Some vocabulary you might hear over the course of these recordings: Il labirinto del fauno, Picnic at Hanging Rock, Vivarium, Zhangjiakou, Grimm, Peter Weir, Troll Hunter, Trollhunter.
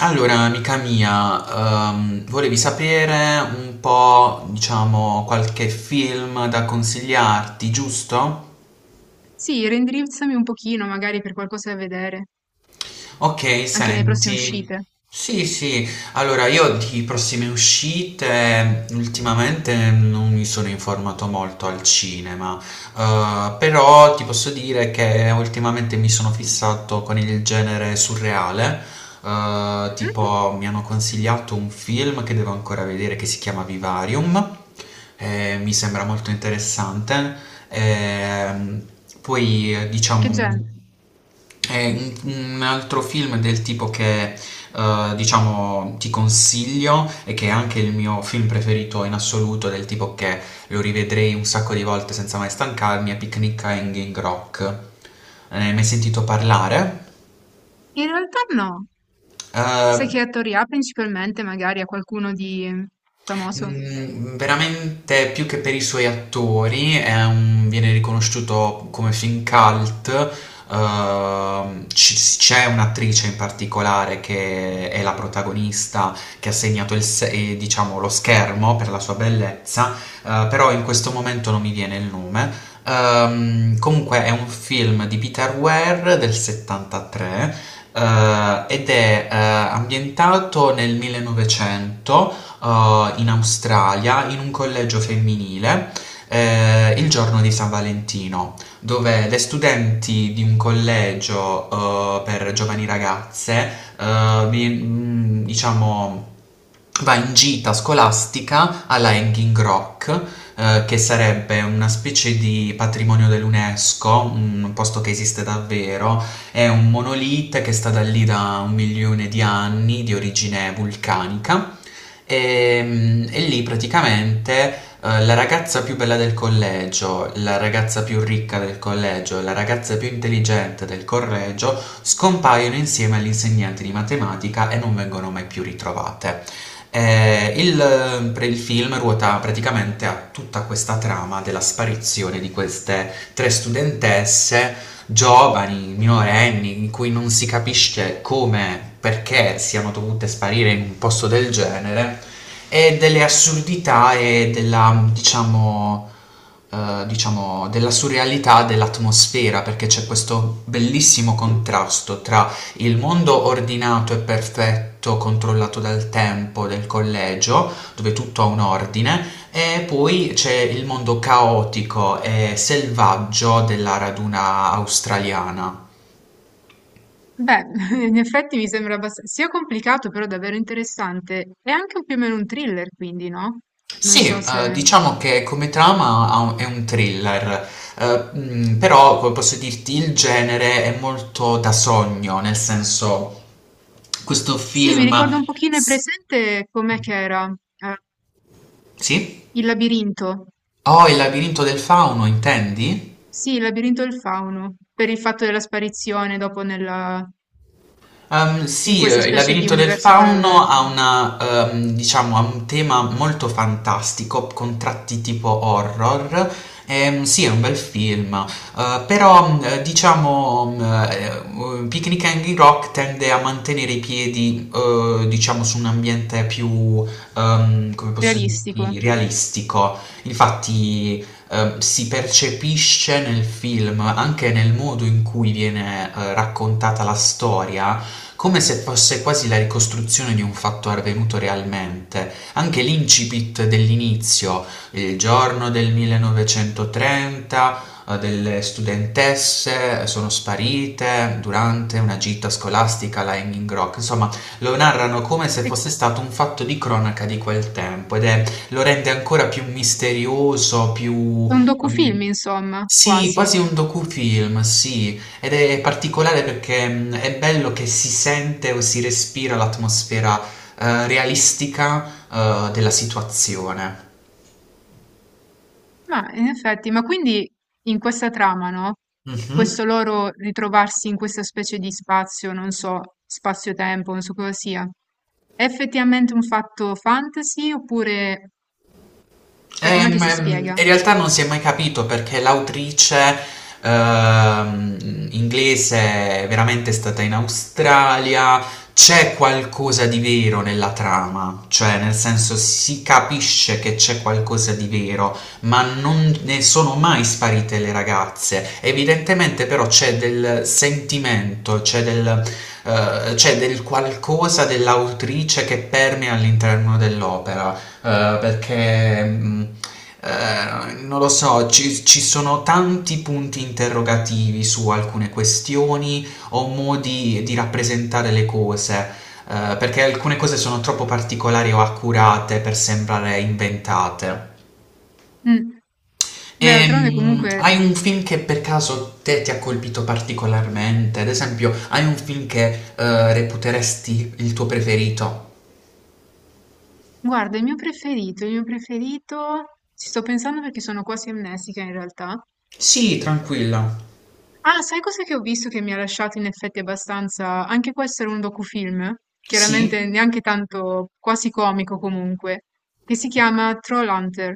Allora, amica mia, volevi sapere un po', diciamo, qualche film da consigliarti, giusto? Sì, reindirizzami un pochino, magari per qualcosa da vedere, Ok, anche nelle prossime senti. uscite. Sì, sì. Allora, io di prossime uscite ultimamente non mi sono informato molto al cinema, però ti posso dire che ultimamente mi sono fissato con il genere surreale. Mm? Tipo, mi hanno consigliato un film che devo ancora vedere che si chiama Vivarium. Mi sembra molto interessante. Ehm, Poi, Che genere? diciamo. È un altro film del tipo che, diciamo, ti consiglio e che è anche il mio film preferito in assoluto, del tipo che lo rivedrei un sacco di volte senza mai stancarmi, è Picnic a Hanging Rock. Ne hai mai sentito parlare? In realtà no. Sai Eh, che attori ha principalmente, magari a qualcuno di famoso? Veramente più che per i suoi attori, viene riconosciuto come film cult. C'è un'attrice in particolare che è la protagonista che ha segnato il se- diciamo, lo schermo per la sua bellezza, però in questo momento non mi viene il nome. Comunque è un film di Peter Weir del 73, ed è ambientato nel 1900, in Australia in un collegio femminile, il giorno di San Valentino, dove le studenti di un collegio, per giovani ragazze, diciamo, va in gita scolastica alla Hanging Rock, che sarebbe una specie di patrimonio dell'UNESCO, un posto che esiste davvero, è un monolite che è stata lì da un milione di anni, di origine vulcanica, e lì praticamente, la ragazza più bella del collegio, la ragazza più ricca del collegio, la ragazza più intelligente del collegio scompaiono insieme all'insegnante di matematica e non vengono mai più ritrovate. Per il film ruota praticamente a tutta questa trama della sparizione di queste tre studentesse giovani, minorenni, in cui non si capisce come, perché siano dovute sparire in un posto del genere, e delle assurdità e diciamo, della surrealità dell'atmosfera, perché c'è questo bellissimo contrasto tra il mondo ordinato e perfetto controllato dal tempo del collegio, dove tutto ha un ordine, e poi c'è il mondo caotico e selvaggio della raduna australiana. Beh, in effetti mi sembra abbastanza sia complicato, però davvero interessante. È anche un più o meno un thriller, quindi, no? Non Sì, so se... diciamo che come trama è un thriller, però come posso dirti il genere è molto da sogno, nel senso questo Sì, mi film... ricordo un pochino, è s- presente com'è che era? Eh, Sì? il labirinto. Oh, il labirinto del fauno, intendi? Sì, il labirinto del fauno, per il fatto della sparizione dopo nella... in Sì, questa il specie di labirinto del universo fauno parallelo, diciamo, ha un tema molto fantastico, con tratti tipo horror. Sì, è un bel film. Però, diciamo, Picnic Hanging Rock tende a mantenere i piedi, diciamo, su un ambiente più, come posso realistico. dirti, realistico. Infatti, si percepisce nel film, anche nel modo in cui viene, raccontata la storia come se fosse quasi la ricostruzione di un fatto avvenuto realmente. Anche l'incipit dell'inizio, il giorno del 1930, delle studentesse sono sparite durante una gita scolastica alla Hanging Rock. Insomma, lo narrano come se È fosse stato un fatto di cronaca di quel tempo ed è, lo rende ancora più misterioso, più... un docufilm, mm, insomma, sì, quasi. quasi un docufilm, sì, ed è particolare perché è bello che si sente o si respira l'atmosfera, realistica, della situazione. Ma in effetti, ma quindi in questa trama, no? Mhm. Questo loro ritrovarsi in questa specie di spazio, non so, spazio-tempo, non so cosa sia. È effettivamente un fatto fantasy oppure, cioè, com'è che si spiega? In realtà non si è mai capito perché l'autrice, ehm, inglese, è veramente stata in Australia. C'è qualcosa di vero nella trama, cioè nel senso si capisce che c'è qualcosa di vero, ma non ne sono mai sparite le ragazze. Evidentemente però c'è del sentimento, c'è del qualcosa dell'autrice che permea all'interno dell'opera, perché non lo so, ci sono tanti punti interrogativi su alcune questioni o modi di rappresentare le cose, perché alcune cose sono troppo particolari o accurate per sembrare inventate. Mm. Beh, E, d'altronde comunque, hai un film che per caso te ti ha colpito particolarmente? Ad esempio, hai un film che reputeresti il tuo preferito? guarda, il mio preferito, ci sto pensando perché sono quasi amnestica in realtà. Sì, tranquilla. Ah, sai cosa che ho visto che mi ha lasciato in effetti abbastanza? Anche questo era un docufilm, Sì? chiaramente neanche tanto quasi comico comunque, che si chiama Trollhunter,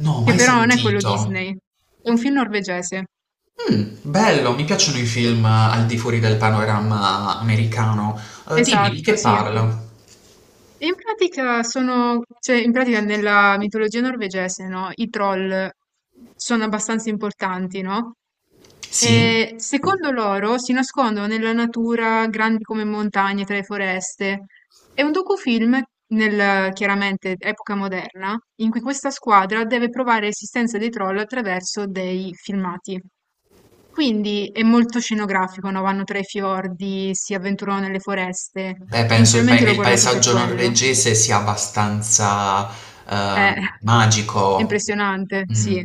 No, che mai però non è quello sentito. Disney, è un film norvegese. Mh, Bello, mi piacciono i film al di fuori del panorama americano. Dimmi di Esatto, che sì. parla? E in pratica cioè in pratica nella mitologia norvegese, no, i troll sono abbastanza importanti, no? Sì? E secondo loro si nascondono nella natura, grandi come montagne, tra le foreste. È un docufilm, nel, chiaramente epoca moderna, in cui questa squadra deve provare l'esistenza dei troll attraverso dei filmati. Quindi è molto scenografico, no? Vanno tra i fiordi, si avventurano nelle foreste. Beh, penso il pae Principalmente che l'ho il guardato per paesaggio quello. norvegese sia abbastanza, È magico. impressionante, Mh, sì.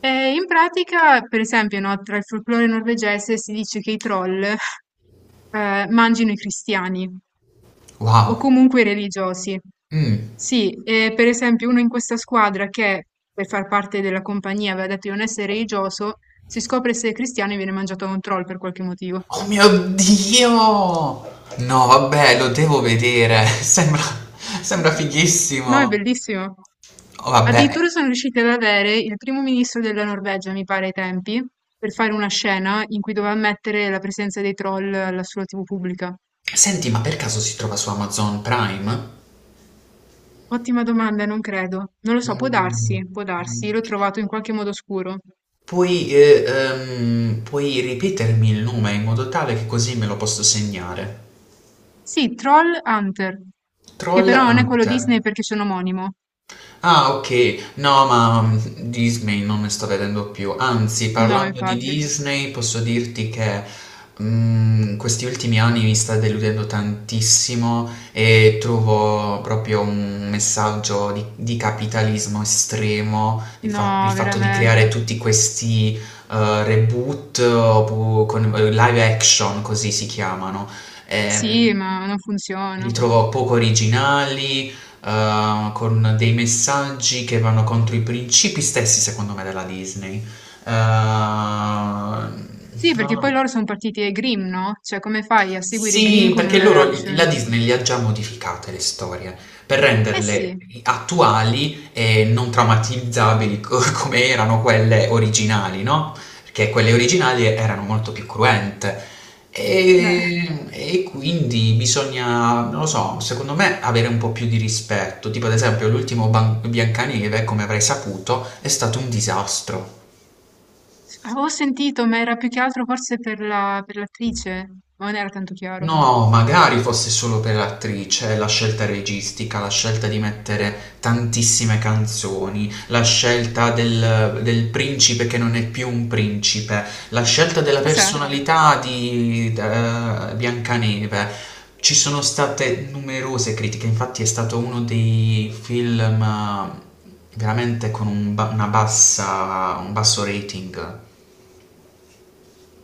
E in pratica, per esempio, no, tra il folklore norvegese si dice che i troll mangino i cristiani o wow. comunque i religiosi. Mh. Sì, e per esempio uno in questa squadra che per far parte della compagnia aveva detto di non essere religioso, si scopre essere cristiano e viene mangiato da un troll per qualche motivo. Oh mio Dio! No, vabbè, lo devo vedere. Sembra No, è fighissimo. bellissimo. Oh, vabbè. Addirittura sono riusciti ad avere il primo ministro della Norvegia, mi pare ai tempi, per fare una scena in cui doveva ammettere la presenza dei troll alla sua TV pubblica. Senti, ma per caso si trova su Amazon Prime? Ottima domanda, non credo. Non lo so, Mh, può darsi, mh. l'ho trovato in qualche modo oscuro. Puoi ripetermi il nome in modo tale che così me lo posso segnare. Sì, Troll Hunter, che Troll però non è quello Disney Hunter. perché sono omonimo. Ah, ok. No, ma Disney non ne sto vedendo più. Anzi, No, parlando di infatti. Disney, posso dirti che questi ultimi anni mi sta deludendo tantissimo e trovo proprio un messaggio di capitalismo estremo, il No, fatto di creare veramente. tutti questi reboot, con live action, così si chiamano. Sì, Ehm, ma non Li funziona. trovo poco originali, con dei messaggi che vanno contro i principi stessi, secondo me, della Disney. Sì, Non lo perché poi so. loro sono partiti ai Grimm, no? Cioè, come fai a seguire Grimm Sì, con un perché live la action? Disney li ha già modificate le storie per Eh sì, renderle attuali e non traumatizzabili come erano quelle originali, no? Perché quelle originali erano molto più cruente. beh, E quindi bisogna, non lo so, secondo me avere un po' più di rispetto. Tipo, ad esempio, l'ultimo Biancaneve, come avrai saputo, è stato un disastro. avevo sentito, ma era più che altro forse per la, per l'attrice, ma non era tanto chiaro. No, magari fosse solo per l'attrice, la scelta registica, la scelta di mettere tantissime canzoni, la scelta del principe che non è più un principe, la scelta della Cos'è? personalità di Biancaneve. Ci sono state numerose critiche, infatti è stato uno dei film veramente con un ba- una bassa, un basso rating.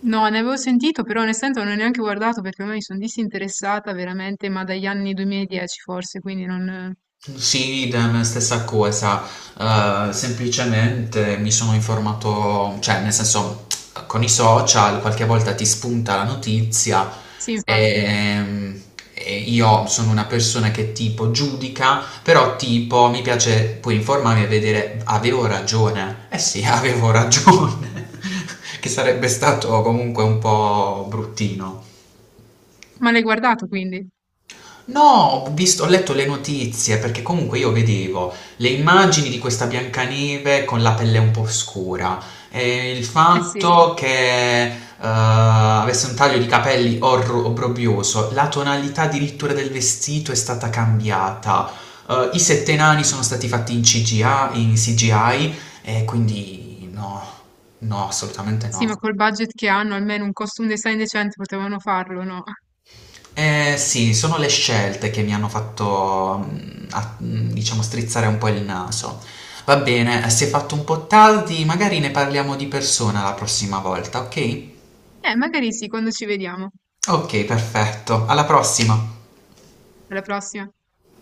No, ne avevo sentito, però onestamente non ho neanche guardato perché ormai mi sono disinteressata veramente, ma dagli anni 2010 forse, quindi non... Sì, la stessa cosa. Semplicemente mi sono informato, cioè nel senso con i social qualche volta ti spunta la notizia, Sì, infatti. e, e io sono una persona che tipo giudica, però tipo mi piace poi informarmi e vedere avevo ragione, eh sì, avevo ragione, che sarebbe stato comunque un po' bruttino. Ma l'hai guardato quindi? No, ho visto, ho letto le notizie perché comunque io vedevo le immagini di questa Biancaneve con la pelle un po' scura e il Eh sì. fatto che avesse un taglio di capelli obbrobrioso, la tonalità addirittura del vestito è stata cambiata, i sette nani sono stati fatti in CGI e quindi no, no, assolutamente Sì, ma no. col budget che hanno, almeno un costume design decente potevano farlo, no? Eh sì, sono le scelte che mi hanno fatto, diciamo, strizzare un po' il naso. Va bene, si è fatto un po' tardi, magari ne parliamo di persona la prossima volta, ok? Magari sì, quando ci vediamo. Ok, perfetto. Alla prossima. Alla prossima.